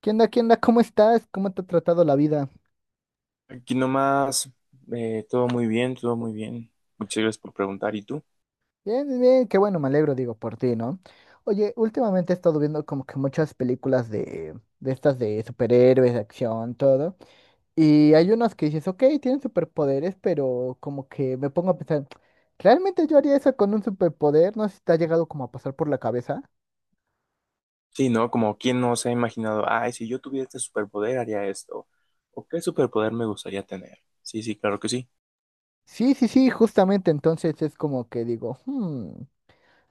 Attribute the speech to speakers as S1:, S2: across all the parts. S1: ¿Qué onda? ¿Qué onda? ¿Cómo estás? ¿Cómo te ha tratado la vida?
S2: Aquí nomás, todo muy bien, todo muy bien. Muchas gracias por preguntar. ¿Y tú?
S1: Bien, bien, bien, qué bueno, me alegro, digo, por ti, ¿no? Oye, últimamente he estado viendo como que muchas películas de estas de superhéroes, de acción, todo. Y hay unas que dices, ok, tienen superpoderes, pero como que me pongo a pensar, ¿realmente yo haría eso con un superpoder? No sé si te ha llegado como a pasar por la cabeza.
S2: Sí, ¿no? Como quién no se ha imaginado, ay, si yo tuviera este superpoder haría esto. ¿O qué superpoder me gustaría tener? Sí, sí, claro que sí.
S1: Sí, sí, sí, justamente entonces es como que digo, hmm.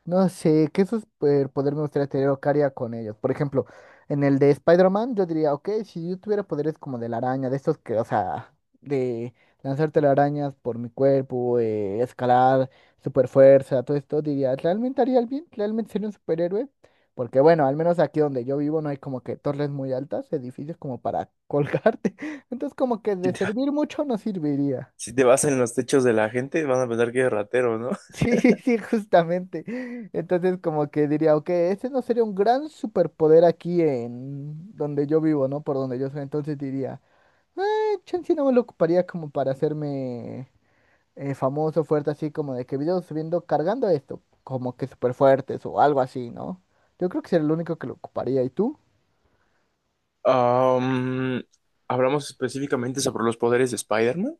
S1: No sé, ¿qué superpoder me gustaría tener o qué haría con ellos? Por ejemplo, en el de Spider-Man, yo diría, ok, si yo tuviera poderes como de la araña, de estos que, o sea, de lanzar telarañas por mi cuerpo, escalar, super fuerza, todo esto, diría, ¿realmente haría el bien? ¿Realmente sería un superhéroe? Porque bueno, al menos aquí donde yo vivo no hay como que torres muy altas, edificios como para colgarte. Entonces como que
S2: Si
S1: de
S2: te,
S1: servir mucho no serviría.
S2: si te vas en los techos de la gente, van a pensar que eres ratero, ¿no?
S1: Sí, sí, justamente. Entonces, como que diría, ok, ese no sería un gran superpoder aquí en donde yo vivo, ¿no? Por donde yo soy. Entonces diría, chance no me lo ocuparía como para hacerme famoso, fuerte, así como de que videos subiendo, cargando esto, como que súper fuertes o algo así, ¿no? Yo creo que sería el único que lo ocuparía. ¿Y tú?
S2: Am, Hablamos específicamente sobre los poderes de Spider-Man.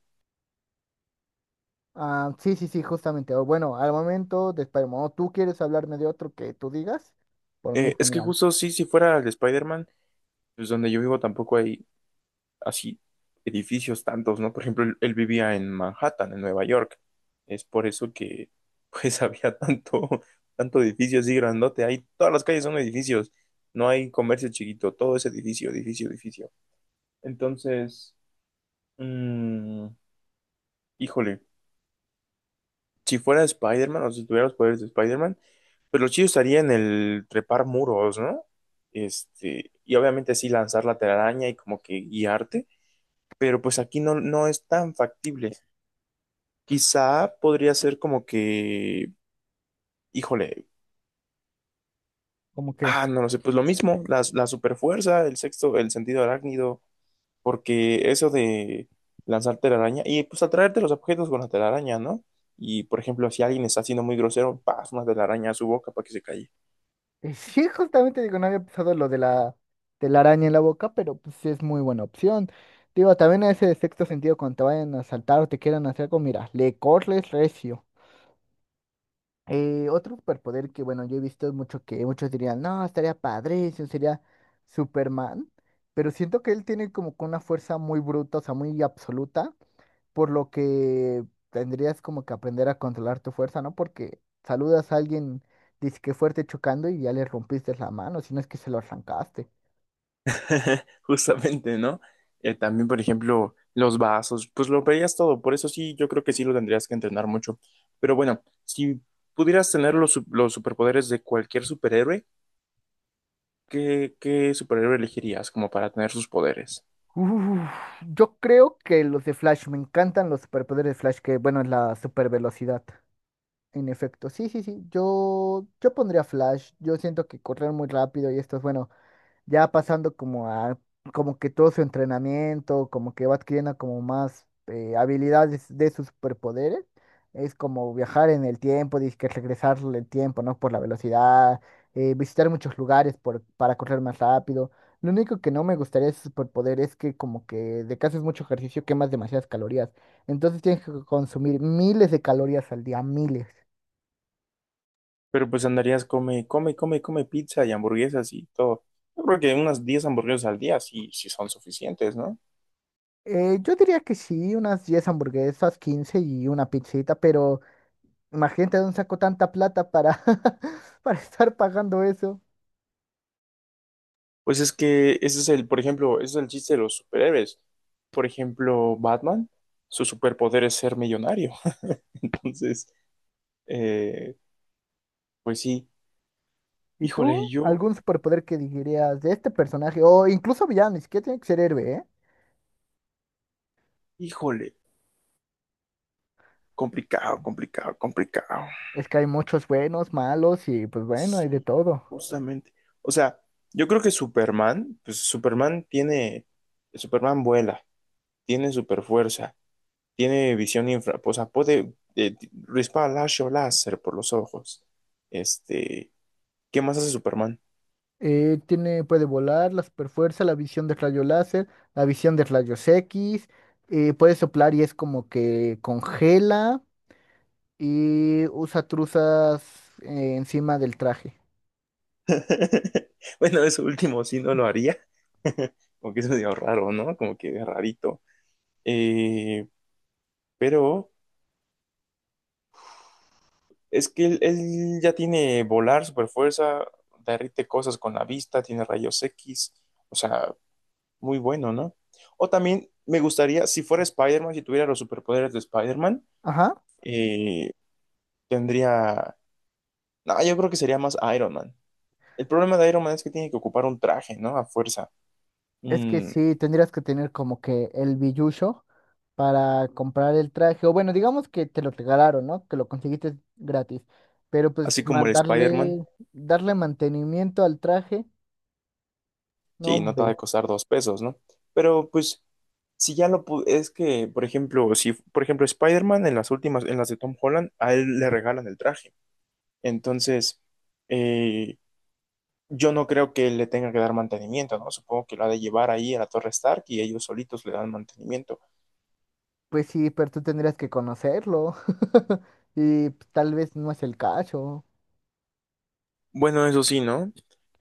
S1: Ah, sí, sí, sí, justamente. O bueno, al momento de Spider-Man, ¿o tú quieres hablarme de otro que tú digas? Por mí,
S2: Es que
S1: genial.
S2: justo sí, si fuera el de Spider-Man, pues donde yo vivo tampoco hay así edificios tantos, ¿no? Por ejemplo, él vivía en Manhattan, en Nueva York. Es por eso que, pues, había tanto edificio así grandote. Ahí todas las calles son edificios. No hay comercio chiquito. Todo es edificio, edificio, edificio. Entonces, mm, híjole, si fuera Spider-Man o si tuviera los poderes de Spider-Man, pues lo chido estaría en el trepar muros, ¿no? Este, y obviamente sí lanzar la telaraña y como que guiarte. Pero pues aquí no, no es tan factible. Quizá podría ser como que, híjole,
S1: ¿Cómo que?
S2: no lo sé, pues lo mismo, la superfuerza, el sexto, el sentido arácnido, porque eso de lanzar telaraña y pues atraerte los objetos con la telaraña, ¿no? Y por ejemplo, si alguien está siendo muy grosero, paz, una telaraña a su boca para que se calle.
S1: Y sí, justamente digo, no había pensado lo de la telaraña en la boca, pero pues sí es muy buena opción. Digo, también ese de sexto sentido cuando te vayan a saltar o te quieran hacer algo, mira, le corres recio. Otro superpoder que, bueno, yo he visto mucho que muchos dirían, no, estaría padrísimo, sería Superman, pero siento que él tiene como que una fuerza muy bruta, o sea, muy absoluta, por lo que tendrías como que aprender a controlar tu fuerza, ¿no? Porque saludas a alguien, dice que fuerte chocando y ya le rompiste la mano, si no es que se lo arrancaste.
S2: Justamente, ¿no? También, por ejemplo, los vasos, pues lo veías todo, por eso sí, yo creo que sí lo tendrías que entrenar mucho. Pero bueno, si pudieras tener los superpoderes de cualquier superhéroe, ¿qué superhéroe elegirías como para tener sus poderes?
S1: Uf, yo creo que los de Flash, me encantan los superpoderes de Flash, que bueno, es la supervelocidad. En efecto, sí, sí, sí, yo pondría Flash, yo siento que correr muy rápido y esto es bueno. Ya pasando como a, como que todo su entrenamiento, como que va adquiriendo como más habilidades de sus superpoderes, es como viajar en el tiempo, dice que regresar el tiempo, ¿no? Por la velocidad, visitar muchos lugares por, para correr más rápido. Lo único que no me gustaría de su superpoder es que como que de que haces mucho ejercicio quemas demasiadas calorías. Entonces tienes que consumir miles de calorías al día, miles.
S2: Pero pues andarías come pizza y hamburguesas y todo. Yo creo que unas 10 hamburguesas al día sí, sí son suficientes, ¿no?
S1: Yo diría que sí, unas 10 hamburguesas, 15 y una pizzita, pero imagínate de dónde saco tanta plata para, para estar pagando eso.
S2: Pues es que ese es el, por ejemplo, ese es el chiste de los superhéroes. Por ejemplo, Batman, su superpoder es ser millonario. Entonces, eh, pues sí,
S1: ¿Y
S2: híjole,
S1: tú?
S2: yo,
S1: ¿Algún superpoder que dirías de este personaje? O incluso villano, ni siquiera tiene que ser héroe, ¿eh?
S2: híjole, complicado, complicado, complicado.
S1: Es que hay muchos buenos, malos y pues bueno, hay
S2: Sí,
S1: de todo.
S2: justamente. O sea, yo creo que Superman, pues Superman tiene, Superman vuela, tiene super fuerza, tiene visión infra, o sea, puede dispara lazo láser por los ojos. Este, ¿qué más hace Superman?
S1: Tiene, puede volar, la superfuerza, la visión de rayo láser, la visión de rayos X, puede soplar y es como que congela y usa truzas encima del traje.
S2: Bueno, eso último sí no lo haría, como que es medio raro, ¿no? Como que es rarito. Eh, pero es que él ya tiene volar, super fuerza, derrite cosas con la vista, tiene rayos X, o sea, muy bueno, ¿no? O también me gustaría, si fuera Spider-Man, si tuviera los superpoderes de Spider-Man,
S1: Ajá.
S2: eh, tendría... No, yo creo que sería más Iron Man. El problema de Iron Man es que tiene que ocupar un traje, ¿no? A fuerza.
S1: Es que
S2: Mm,
S1: sí, tendrías que tener como que el billuyo para comprar el traje. O bueno, digamos que te lo regalaron, ¿no? Que lo conseguiste gratis. Pero pues
S2: Así
S1: ma-
S2: como el Spider-Man.
S1: darle, darle mantenimiento al traje, no,
S2: Sí, no te va a
S1: hombre.
S2: costar dos pesos, ¿no? Pero pues, si ya lo pu- es que, por ejemplo, si, por ejemplo, Spider-Man en las últimas, en las de Tom Holland, a él le regalan el traje. Entonces, eh, yo no creo que le tenga que dar mantenimiento, ¿no? Supongo que lo ha de llevar ahí a la Torre Stark y ellos solitos le dan mantenimiento.
S1: Pues sí, pero tú tendrías que conocerlo. Y pues, tal vez no es el caso.
S2: Bueno, eso sí, ¿no?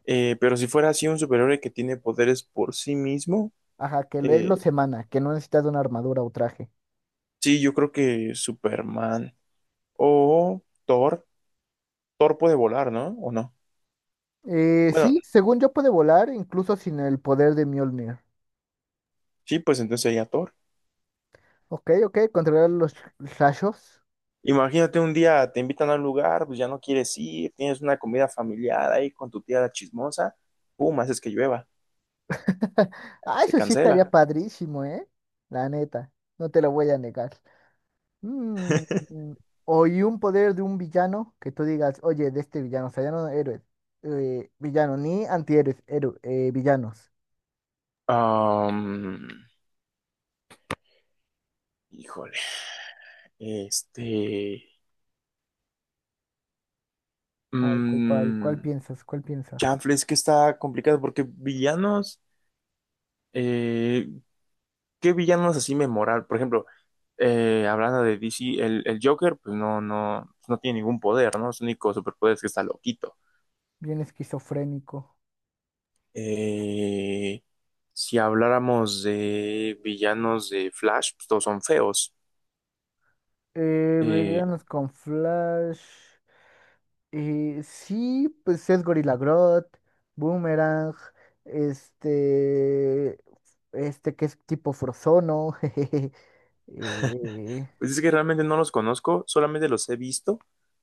S2: Pero si fuera así un superhéroe que tiene poderes por sí mismo,
S1: Ajá, que lo- es
S2: eh,
S1: lo semana, que no necesitas una armadura o traje.
S2: sí, yo creo que Superman o Thor, Thor puede volar, ¿no? ¿O no? Bueno,
S1: Sí, según yo puede volar, incluso sin el poder de Mjolnir.
S2: sí, pues entonces sería Thor.
S1: Ok, ok, controlar los rayos.
S2: Imagínate un día te invitan a un lugar, pues ya no quieres ir, tienes una comida familiar ahí con tu tía la chismosa, pum, haces que llueva,
S1: Ah,
S2: se
S1: eso sí
S2: cancela.
S1: estaría padrísimo, ¿eh? La neta, no te lo voy a negar. Mm, mm, o y un poder de un villano que tú digas, oye, de este villano, o sea, ya no héroes, villano, ni antihéroes, héroe, villanos.
S2: Am, híjole, este,
S1: ¿Cuál, cuál, cuál, cuál
S2: mm,
S1: piensas? ¿Cuál piensas?
S2: chanfle, Es que está complicado porque villanos, eh, ¿qué villanos así memorables? Por ejemplo, hablando de DC, el Joker, pues no, no, pues, no tiene ningún poder, ¿no? Su único superpoder es que está loquito.
S1: Bien esquizofrénico.
S2: Eh, si habláramos de villanos de Flash, pues todos son feos. Eh,
S1: Villanos con Flash. Sí, pues es Gorilla Grodd, Boomerang, este, este que es tipo Frozono, jejeje, eh,
S2: pues es que realmente no los conozco, solamente los he visto,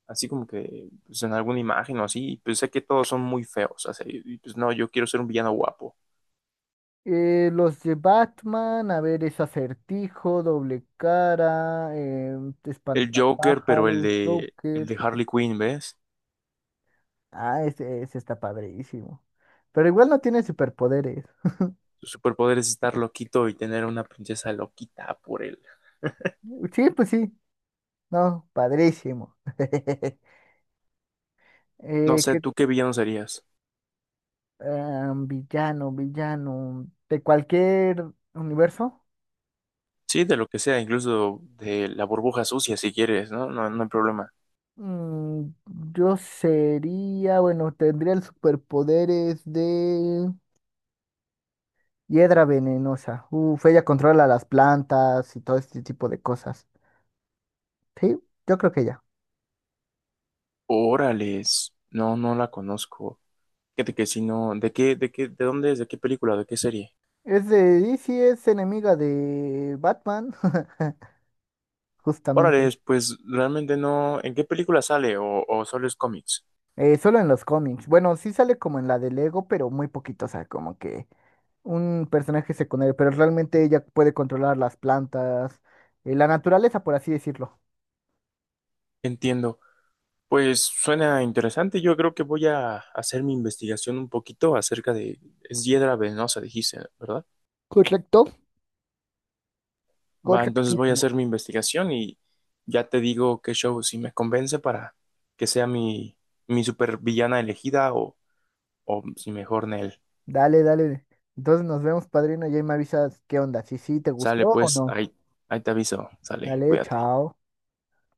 S2: así como que pues en alguna imagen o así, y pues sé que todos son muy feos. O sea, pues no, yo quiero ser un villano guapo.
S1: los de Batman, a ver, es Acertijo, Doble Cara, em,
S2: El Joker, pero el
S1: Espantapájaros,
S2: el
S1: Joker,
S2: de Harley Quinn, ¿ves?
S1: ah, ese está padrísimo, pero igual no tiene superpoderes,
S2: Su superpoder es estar loquito y tener una princesa loquita por él.
S1: sí, pues sí, no, padrísimo,
S2: No sé,
S1: ¿qué?
S2: ¿tú qué villano serías?
S1: Ah, villano, villano. De cualquier universo.
S2: Sí, de lo que sea, incluso de la burbuja sucia, si quieres, ¿no? No, no hay problema.
S1: Mm, yo sería, bueno, tendría el superpoderes de hiedra venenosa. Uf, ella controla las plantas y todo este tipo de cosas. Sí, yo creo que ella.
S2: Órales, no, no la conozco. Fíjate que si no, de dónde es, de qué película, de qué serie?
S1: Es de DC, es enemiga de Batman, justamente.
S2: Órales, pues realmente no, ¿en qué película sale o solo es cómics?
S1: Solo en los cómics. Bueno, sí sale como en la de Lego, pero muy poquito, o sea, como que un personaje secundario, pero realmente ella puede controlar las plantas, la naturaleza, por así decirlo.
S2: Entiendo. Pues suena interesante, yo creo que voy a hacer mi investigación un poquito acerca de, es hiedra venenosa, dijiste, ¿verdad?
S1: Correcto.
S2: Va, entonces voy a
S1: Correctísimo.
S2: hacer mi investigación y ya te digo qué show, si me convence para que sea mi supervillana elegida o si mejor Nell.
S1: Dale, dale. Entonces nos vemos, padrino, y ahí me avisas qué onda, si sí te gustó
S2: Sale
S1: o
S2: pues,
S1: no.
S2: ahí te aviso, sale,
S1: Dale,
S2: cuídate.
S1: chao.